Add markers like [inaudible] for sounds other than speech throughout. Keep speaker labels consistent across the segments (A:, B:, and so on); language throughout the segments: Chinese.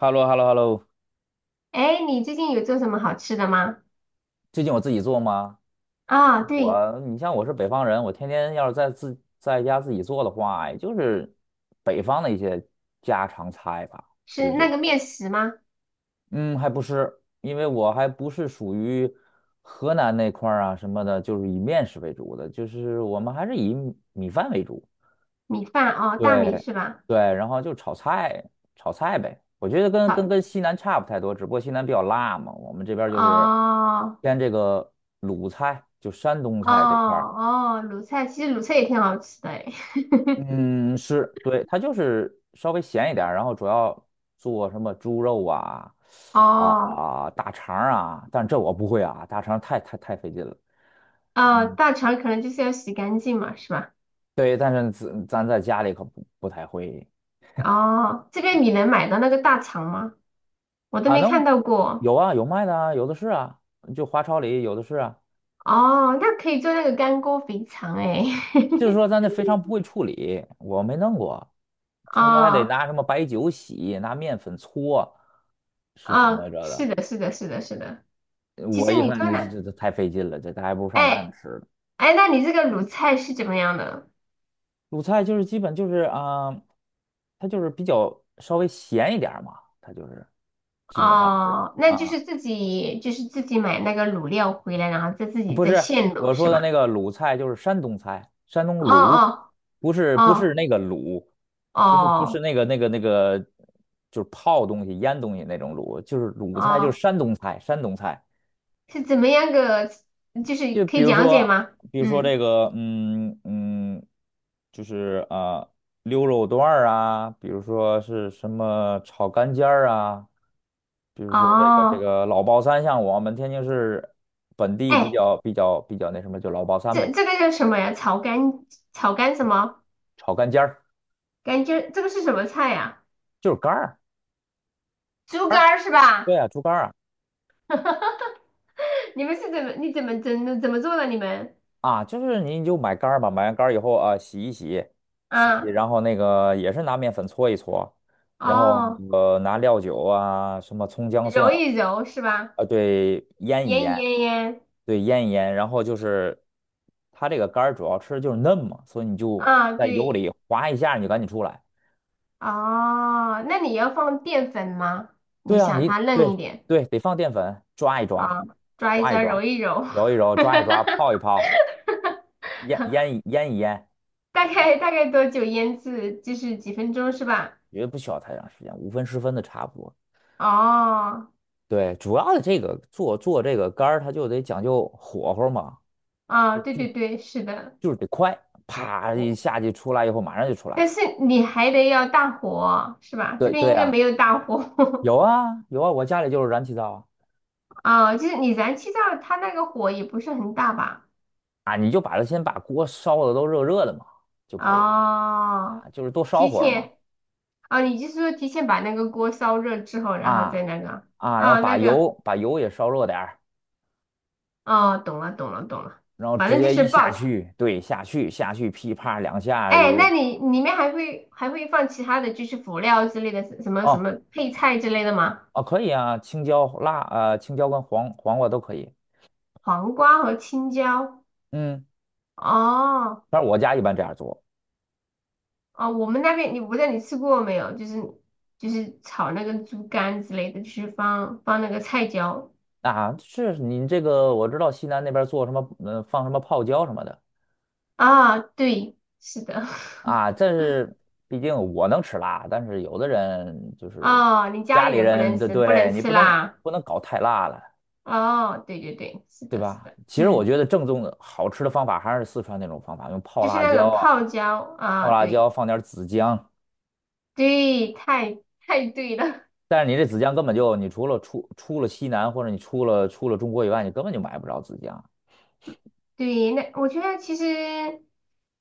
A: h e l l o h e l l o h e l l o。
B: 哎，你最近有做什么好吃的吗？
A: 最近我自己做吗？
B: 啊，对，
A: 你像我是北方人，我天天要是在家自己做的话，也就是北方的一些家常菜吧，就
B: 是
A: 是这
B: 那个
A: 些。
B: 面食吗？
A: 嗯，还不是，因为我还不是属于河南那块儿啊什么的，就是以面食为主的，就是我们还是以米饭为主。
B: 米饭哦，大米
A: 对
B: 是吧？
A: 对，然后就炒菜，炒菜呗。我觉得跟跟
B: 好，
A: 跟西南差不太多，只不过西南比较辣嘛，我们这边儿
B: 哦
A: 就是偏这个鲁菜，就山东
B: 哦
A: 菜这块儿。
B: 哦，卤菜，其实卤菜也挺好吃的哎。
A: 嗯，是，对，它就是稍微咸一点儿，然后主要做什么猪肉啊
B: [laughs]
A: 啊
B: 哦
A: 大肠儿啊，但这我不会啊，大肠儿太费劲了。
B: 哦，
A: 嗯，
B: 大肠可能就是要洗干净嘛，是吧？
A: 对，但是咱在家里可不太会
B: 哦，这边你能买到那个大肠吗？我都
A: 啊，
B: 没
A: 能
B: 看到过。
A: 有啊，有卖的啊，有的是啊，就华超里有的是啊。
B: 哦，那可以做那个干锅肥肠哎。
A: 就是说咱这肥肠不会处理，我没弄过，
B: [laughs]
A: 听说还得
B: 哦
A: 拿什么白酒洗，拿面粉搓，是怎么
B: 哦，
A: 着
B: 是
A: 的？
B: 的，是的，是的，是的。其
A: 我
B: 实
A: 一
B: 你
A: 看
B: 做
A: 这这
B: 那。
A: 这这太费劲了，这咱还不如上外面
B: 哎
A: 吃呢。
B: 哎，那你这个卤菜是怎么样的？
A: 鲁菜就是基本就是啊，它就是比较稍微咸一点儿嘛，它就是基本上是
B: 哦，那就
A: 啊。
B: 是自己就是自己买那个卤料回来，然后再自己
A: 不
B: 再
A: 是
B: 现卤
A: 我
B: 是
A: 说的那
B: 吧？
A: 个鲁菜，就是山东菜，山东
B: 哦
A: 鲁，
B: 哦
A: 不是
B: 哦
A: 那个鲁，不是不是
B: 哦
A: 那个那个那个，就是泡东西、腌东西那种鲁，就是鲁菜，就是
B: 哦，
A: 山东菜，山东菜。
B: 是怎么样个？就是
A: 就
B: 可
A: 比
B: 以
A: 如
B: 讲解
A: 说，
B: 吗？
A: 比如说这
B: 嗯，
A: 个，嗯嗯，就是啊，溜肉段儿啊，比如说是什么炒肝尖儿啊，比如说这个这
B: 哦，
A: 个老爆三，像我们天津市本地比
B: 哎，
A: 较比较比较那什么，就老爆三
B: 这
A: 呗。
B: 这个叫什么呀？炒肝炒肝什么？
A: 炒干尖儿，
B: 感觉这个是什么菜呀？
A: 就是肝儿，
B: 猪
A: 肝
B: 肝
A: 儿，
B: 儿是
A: 对
B: 吧？
A: 啊，猪肝儿啊，
B: [laughs] 你们是怎么你怎么做的？你们
A: 啊，就是你就买肝儿吧，买完肝儿以后啊，洗一洗，洗一洗，
B: 啊
A: 然后那个也是拿面粉搓一搓，然后
B: 哦，
A: 拿料酒啊，什么葱姜蒜
B: 揉一揉是吧？
A: 啊，对，腌一
B: 腌
A: 腌，
B: 腌腌
A: 对，腌一腌，然后就是它这个肝儿主要吃的就是嫩嘛，所以你就
B: 啊，
A: 在油
B: 对
A: 里划一下，你就赶紧出来。
B: 哦，那你要放淀粉吗？你
A: 对啊，
B: 想它嫩一点
A: 对，得放淀粉，抓一
B: 啊，
A: 抓，
B: 抓一
A: 抓一
B: 抓，揉
A: 抓，
B: 一揉，
A: 揉一揉，抓一
B: [laughs]
A: 抓，泡一泡，腌一腌，
B: 大概大概多久腌制？就是几分钟是吧？
A: 也不需要太长时间，5分10分的差不多。
B: 哦，
A: 对，主要的这个做这个干儿，它就得讲究火候嘛，
B: 啊，对
A: 就
B: 对对，是的，
A: 就是得快，啪一
B: 我
A: 下去出来以后马上就出来。
B: 但是你还得要大火是吧？这
A: 对
B: 边
A: 对
B: 应该
A: 啊，
B: 没有大火。
A: 有啊有啊，我家里就是燃气灶啊，
B: [laughs] 啊，就是你燃气灶它那个火也不是很大吧？
A: 啊，你就把它先把锅烧的都热热的嘛，就可以了，
B: 哦，
A: 啊，就是多烧
B: 提
A: 会儿嘛，
B: 前哦，你就是说提前把那个锅烧热之后，然后再
A: 啊
B: 那个
A: 啊，然后
B: 哦，
A: 把
B: 那个
A: 油把油也烧热点儿，
B: 哦，懂了懂了懂了，
A: 然后
B: 反
A: 直
B: 正就
A: 接
B: 是
A: 一下
B: 爆炒。
A: 去，对，下去下去噼啪两下，
B: 哎，那你里面还会放其他的就是辅料之类的什么什
A: 哦，
B: 么配菜之类的吗？
A: 哦，可以啊，青椒跟黄瓜都可以。
B: 黄瓜和青椒。
A: 嗯，
B: 哦
A: 反正我家一般这样做。
B: 哦，我们那边你我不知道你吃过没有，就是就是炒那个猪肝之类的，就是放那个菜椒。
A: 啊，是你这个我知道西南那边做什么，放什么泡椒什么的。
B: 啊，对，是的。
A: 啊，
B: [laughs]
A: 这是毕竟我能吃辣，但是有的人就是
B: 哦，你家
A: 家
B: 里
A: 里
B: 人不能
A: 人的，
B: 吃，不
A: 对，
B: 能
A: 你
B: 吃
A: 不能
B: 啦。
A: 不能搞太辣了，
B: 哦，对对对，是
A: 对
B: 的，是
A: 吧？
B: 的，
A: 其实我
B: 嗯，
A: 觉得正宗的好吃的方法还是四川那种方法，用泡
B: 就是
A: 辣
B: 那
A: 椒
B: 种
A: 啊，
B: 泡椒
A: 泡
B: 啊，
A: 辣椒
B: 对
A: 放点儿子姜。
B: 对，太对了，
A: 但是你这紫姜根本就，你除了出了西南或者你出了中国以外，你根本就买不着紫姜。
B: [laughs] 对，那我觉得其实，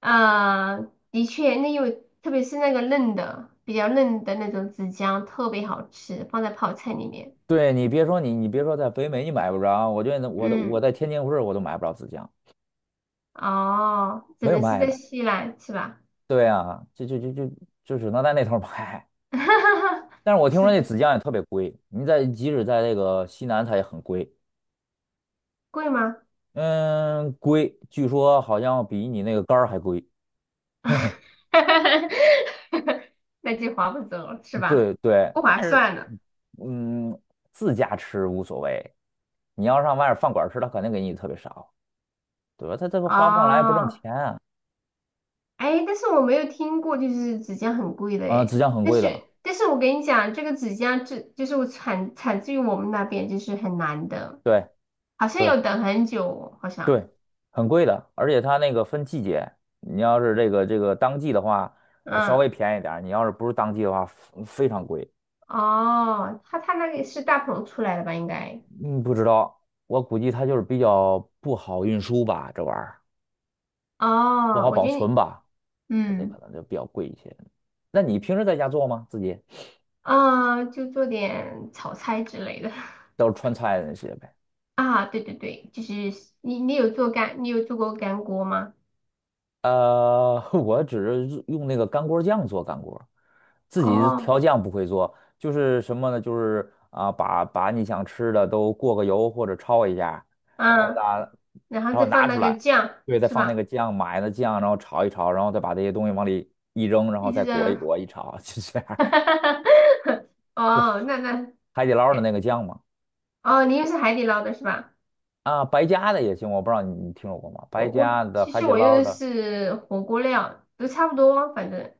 B: 啊，的确，那有，特别是那个嫩的，比较嫩的那种子姜特别好吃，放在泡菜里面，
A: 对，你别说你别说在北美你买不着，我觉得我
B: 嗯，
A: 在天津市我都买不着紫姜，
B: 哦，只
A: 没有
B: 能是
A: 卖
B: 在
A: 的。
B: 西兰是吧？
A: 对啊，就只能在那头儿买。但是我
B: [laughs]
A: 听
B: 是
A: 说那
B: 的，
A: 紫姜也特别贵，即使在这个西南它也很贵，
B: 贵吗？
A: 嗯，贵，据说好像比你那个肝儿还贵。
B: [laughs]
A: [laughs]
B: 那就划不走了是吧？
A: 对对，
B: 不
A: 但
B: 划
A: 是，
B: 算了。
A: 嗯，自家吃无所谓，你要上外面饭馆吃，他肯定给你特别少，对吧？他这个花不上来，不挣
B: 哦，
A: 钱啊。
B: 哎，但是我没有听过，就是指甲很贵的
A: 嗯、浙
B: 哎。
A: 江很
B: 但
A: 贵的，
B: 是，但是我跟你讲，这个指甲这就是我产自于我们那边，就是很难的，
A: 对
B: 好像
A: 对
B: 要等很久，好像。
A: 对，很贵的，而且他那个分季节，你要是这个当季的话，还稍
B: 嗯，
A: 微便宜点儿，你要是不是当季的话，非常贵。
B: 哦，他那个是大棚出来的吧？应该。
A: 嗯，不知道，我估计他就是比较不好运输吧，这玩意儿不
B: 哦，
A: 好
B: 我
A: 保
B: 觉得
A: 存
B: 你，
A: 吧，这
B: 嗯，
A: 可能就比较贵一些。那你平时在家做吗？自己？
B: 啊、就做点炒菜之类的。[laughs]
A: 都是川菜的那些呗。
B: 啊，对对对，就是你有做过干锅吗？
A: [laughs] 我只是用那个干锅酱做干锅，自己
B: 哦，
A: 调酱不会做，就是什么呢？就是啊，把你想吃的都过个油或者焯一下，然后呢，
B: 啊，然后
A: 然
B: 再
A: 后
B: 放
A: 拿出
B: 那个
A: 来，
B: 酱
A: 对，再
B: 是
A: 放那个
B: 吧？
A: 酱，买的酱，然后炒一炒，然后再把这些东西往里一扔，然后
B: 一直
A: 再裹一
B: 扔，
A: 裹一炒，[laughs] 就这样。
B: [laughs] 哦，
A: 海底捞的
B: 哎
A: 那个酱嘛，
B: 哦，你用是海底捞的是吧？
A: 啊，白家的也行，我不知道你听说过吗？白
B: 我我
A: 家的、
B: 其
A: 海
B: 实
A: 底
B: 我用
A: 捞
B: 的
A: 的，
B: 是火锅料，都差不多，反正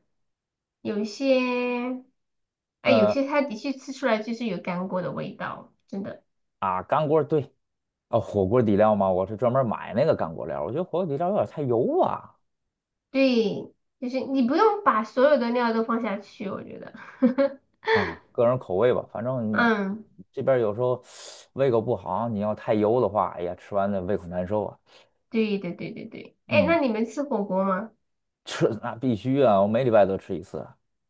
B: 有一些，哎，有
A: 呃
B: 些它的确吃出来就是有干锅的味道，真的，
A: 干锅，对，啊，火锅底料吗？我是专门买那个干锅料儿，我觉得火锅底料有点太油啊，
B: 对，就是你不用把所有的料都放下去，我觉得，
A: 啊，个人口味吧。反
B: [laughs]
A: 正
B: 嗯。
A: 这边儿有时候胃口不好，你要太油的话，哎呀，吃完的胃口难受啊。
B: 对对对对对，哎，
A: 嗯，
B: 那你们吃火锅吗？
A: 吃那必须啊，我每礼拜都吃一次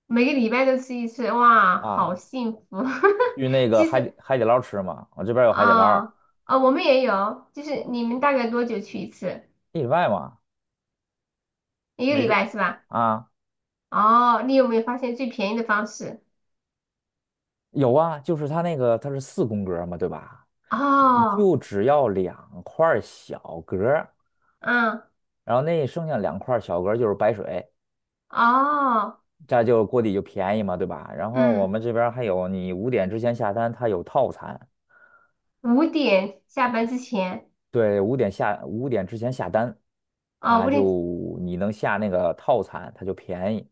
B: 每个礼拜都吃一次，哇，好
A: 啊。
B: 幸福。[laughs]
A: 去那个
B: 其
A: 海底
B: 实
A: 海底捞吃嘛，我这边儿有海底捞儿，
B: 啊我们也有，就是你们大概多久去一次？
A: 一礼拜嘛，
B: 一个
A: 每
B: 礼
A: 周
B: 拜是吧？
A: 啊，
B: 哦，你有没有发现最便宜的方式？
A: 有啊，就是它那个它是四宫格儿嘛，对吧？你
B: 哦，
A: 就只要两块儿小格儿，
B: 嗯，
A: 然后那剩下两块儿小格儿就是白水。
B: 哦，
A: 这样就锅底就便宜嘛，对吧？然后我
B: 嗯，
A: 们这边儿还有，你五点之前下单，它有套餐。
B: 5点下班之前，
A: 对，五点之前下单，
B: 哦，
A: 它
B: 五点
A: 就你能下那个套餐，它就便宜，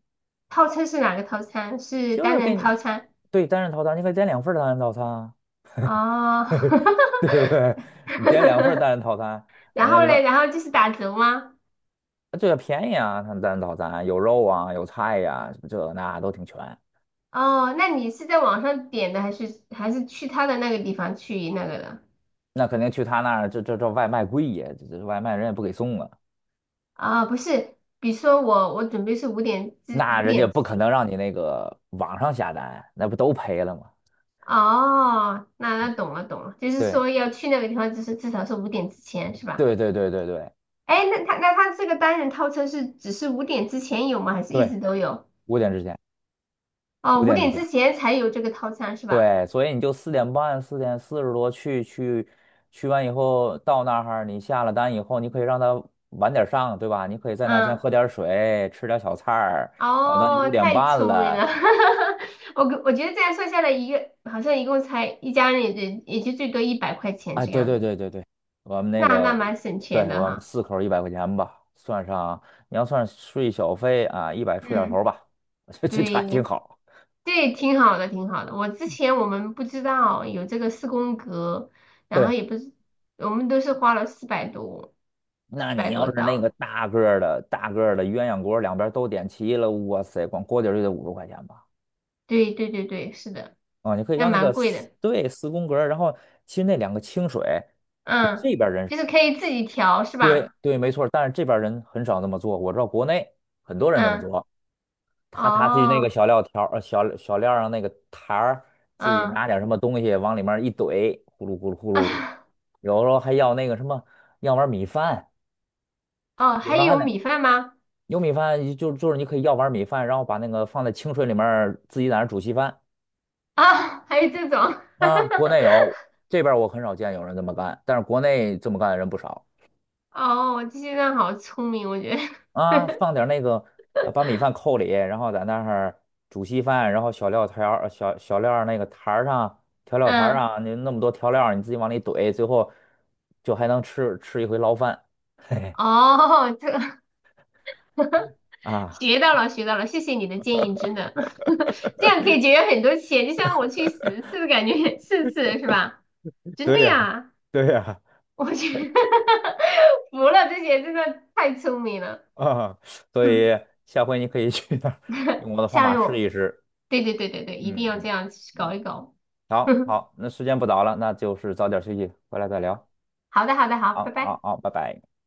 B: 套餐是哪个套餐？是
A: 就是
B: 单
A: 给
B: 人套
A: 你，
B: 餐？
A: 对，单人套餐，你可以点两份儿单人套餐啊，
B: 哦，
A: [laughs] 对不对？你点两份儿单
B: [laughs]
A: 人套餐，
B: 然
A: 那
B: 后
A: 里
B: 嘞，
A: 边，
B: 然后就是打折吗？
A: 这对啊，便宜啊，它单人套餐有肉啊，有菜呀、什么这那都挺全。
B: 哦，那你是在网上点的，还是还是去他的那个地方去那个的？
A: 那肯定去他那儿，这外卖贵呀，这外卖人也不给送啊。
B: 啊、不是，比如说我准备是
A: 那
B: 五
A: 人家
B: 点
A: 不可
B: 去。
A: 能让你那个网上下单，那不都赔了吗？
B: 哦，那那懂了懂了，就是
A: 对
B: 说要去那个地方，就是至少是五点之前是吧？
A: 对对对对对
B: 哎，那他这个单人套餐是只是五点之前有吗？还是一
A: 对，
B: 直都有？
A: 五点之前，
B: 哦，
A: 五
B: 五
A: 点之
B: 点
A: 前，
B: 之前才有这个套餐是吧？
A: 对，所以你就4点半、4点40多去完以后，到那儿你下了单以后，你可以让他晚点上，对吧？你可以在那儿先喝
B: 嗯。
A: 点水，吃点小菜儿，然后到你五
B: 哦，
A: 点
B: 太
A: 半
B: 聪明了，
A: 了，
B: [laughs] 我我觉得这样算下来一个好像一共才一家人也就也就最多100块钱
A: 哎，
B: 这
A: 对
B: 样
A: 对
B: 子，
A: 对对对，我们那
B: 那那
A: 个，
B: 蛮省
A: 对，
B: 钱的
A: 我们
B: 哈。
A: 四口100块钱吧，算上你要算税小费啊，一百出点头
B: 嗯，
A: 儿吧，[laughs] 这
B: 对，
A: 还挺好。
B: 对，挺好的，挺好的。我之前我们不知道有这个四宫格，然后
A: 对，
B: 也不是，我们都是花了四百多，
A: 那
B: 四
A: 你
B: 百多
A: 要是那个
B: 刀。
A: 大个儿的鸳鸯锅，两边都点齐了，哇塞，光锅底儿就得50块钱吧？
B: 对对对对，是的，
A: 啊，你可以
B: 那
A: 要那个
B: 蛮贵
A: 四，
B: 的。
A: 对，四宫格儿，然后其实那两个清水，
B: 嗯，
A: 这边儿人
B: 就是可以自己调是
A: 对
B: 吧？
A: 对，没错儿，但是这边儿人很少那么做，我知道国内很多人这么
B: 嗯，
A: 做。他去那个
B: 哦，
A: 小料条儿、小料上那个台儿，自己
B: 嗯。
A: 拿点什么东西往里面一怼，呼噜呼噜呼噜的。
B: [laughs]
A: 有时候还要那个什么，要碗米饭，
B: 哦，
A: 有
B: 还
A: 时候还
B: 有
A: 得
B: 米饭吗？
A: 有米饭，就是你可以要碗米饭，然后把那个放在清水里面儿自己在那儿煮稀饭。
B: 啊，还有这种，[laughs]
A: 啊，国内有，这边儿我很少见有人这么干，但是国内这么干的人不少。
B: 哦，这些人好聪明，我觉得，[laughs]
A: 啊，放点儿那个，把米饭扣里，然后在那儿煮稀饭，然后小料条儿、小料儿那个坛儿上、调料坛儿
B: 嗯，
A: 上，你那么多调料儿，你自己往里怼，最后就还能一回捞饭。[laughs] 嘿嘿，
B: 哦，这个 [laughs]
A: 啊，
B: 学到了，学到了，谢谢你的建议，真的，[laughs] 这样可以节
A: [laughs]
B: 约很多钱，就像我去10次，感觉4次是吧？真的
A: 对呀，
B: 呀，
A: 对呀，
B: 我去，[laughs] 服了，这些真的太聪明了，
A: 啊，
B: [laughs]
A: 所以
B: 嗯，
A: 下回你可以去那儿用我的方
B: 下
A: 法
B: 回
A: 试一
B: 我，
A: 试。
B: 对对对对对，一定
A: 嗯
B: 要这
A: 嗯
B: 样去搞
A: 嗯，
B: 一搞，
A: 好
B: [laughs]
A: 好，那时间不早了，那就是早点休息，回来再聊。
B: 好的好的好，拜
A: 好好
B: 拜。
A: 好，拜拜。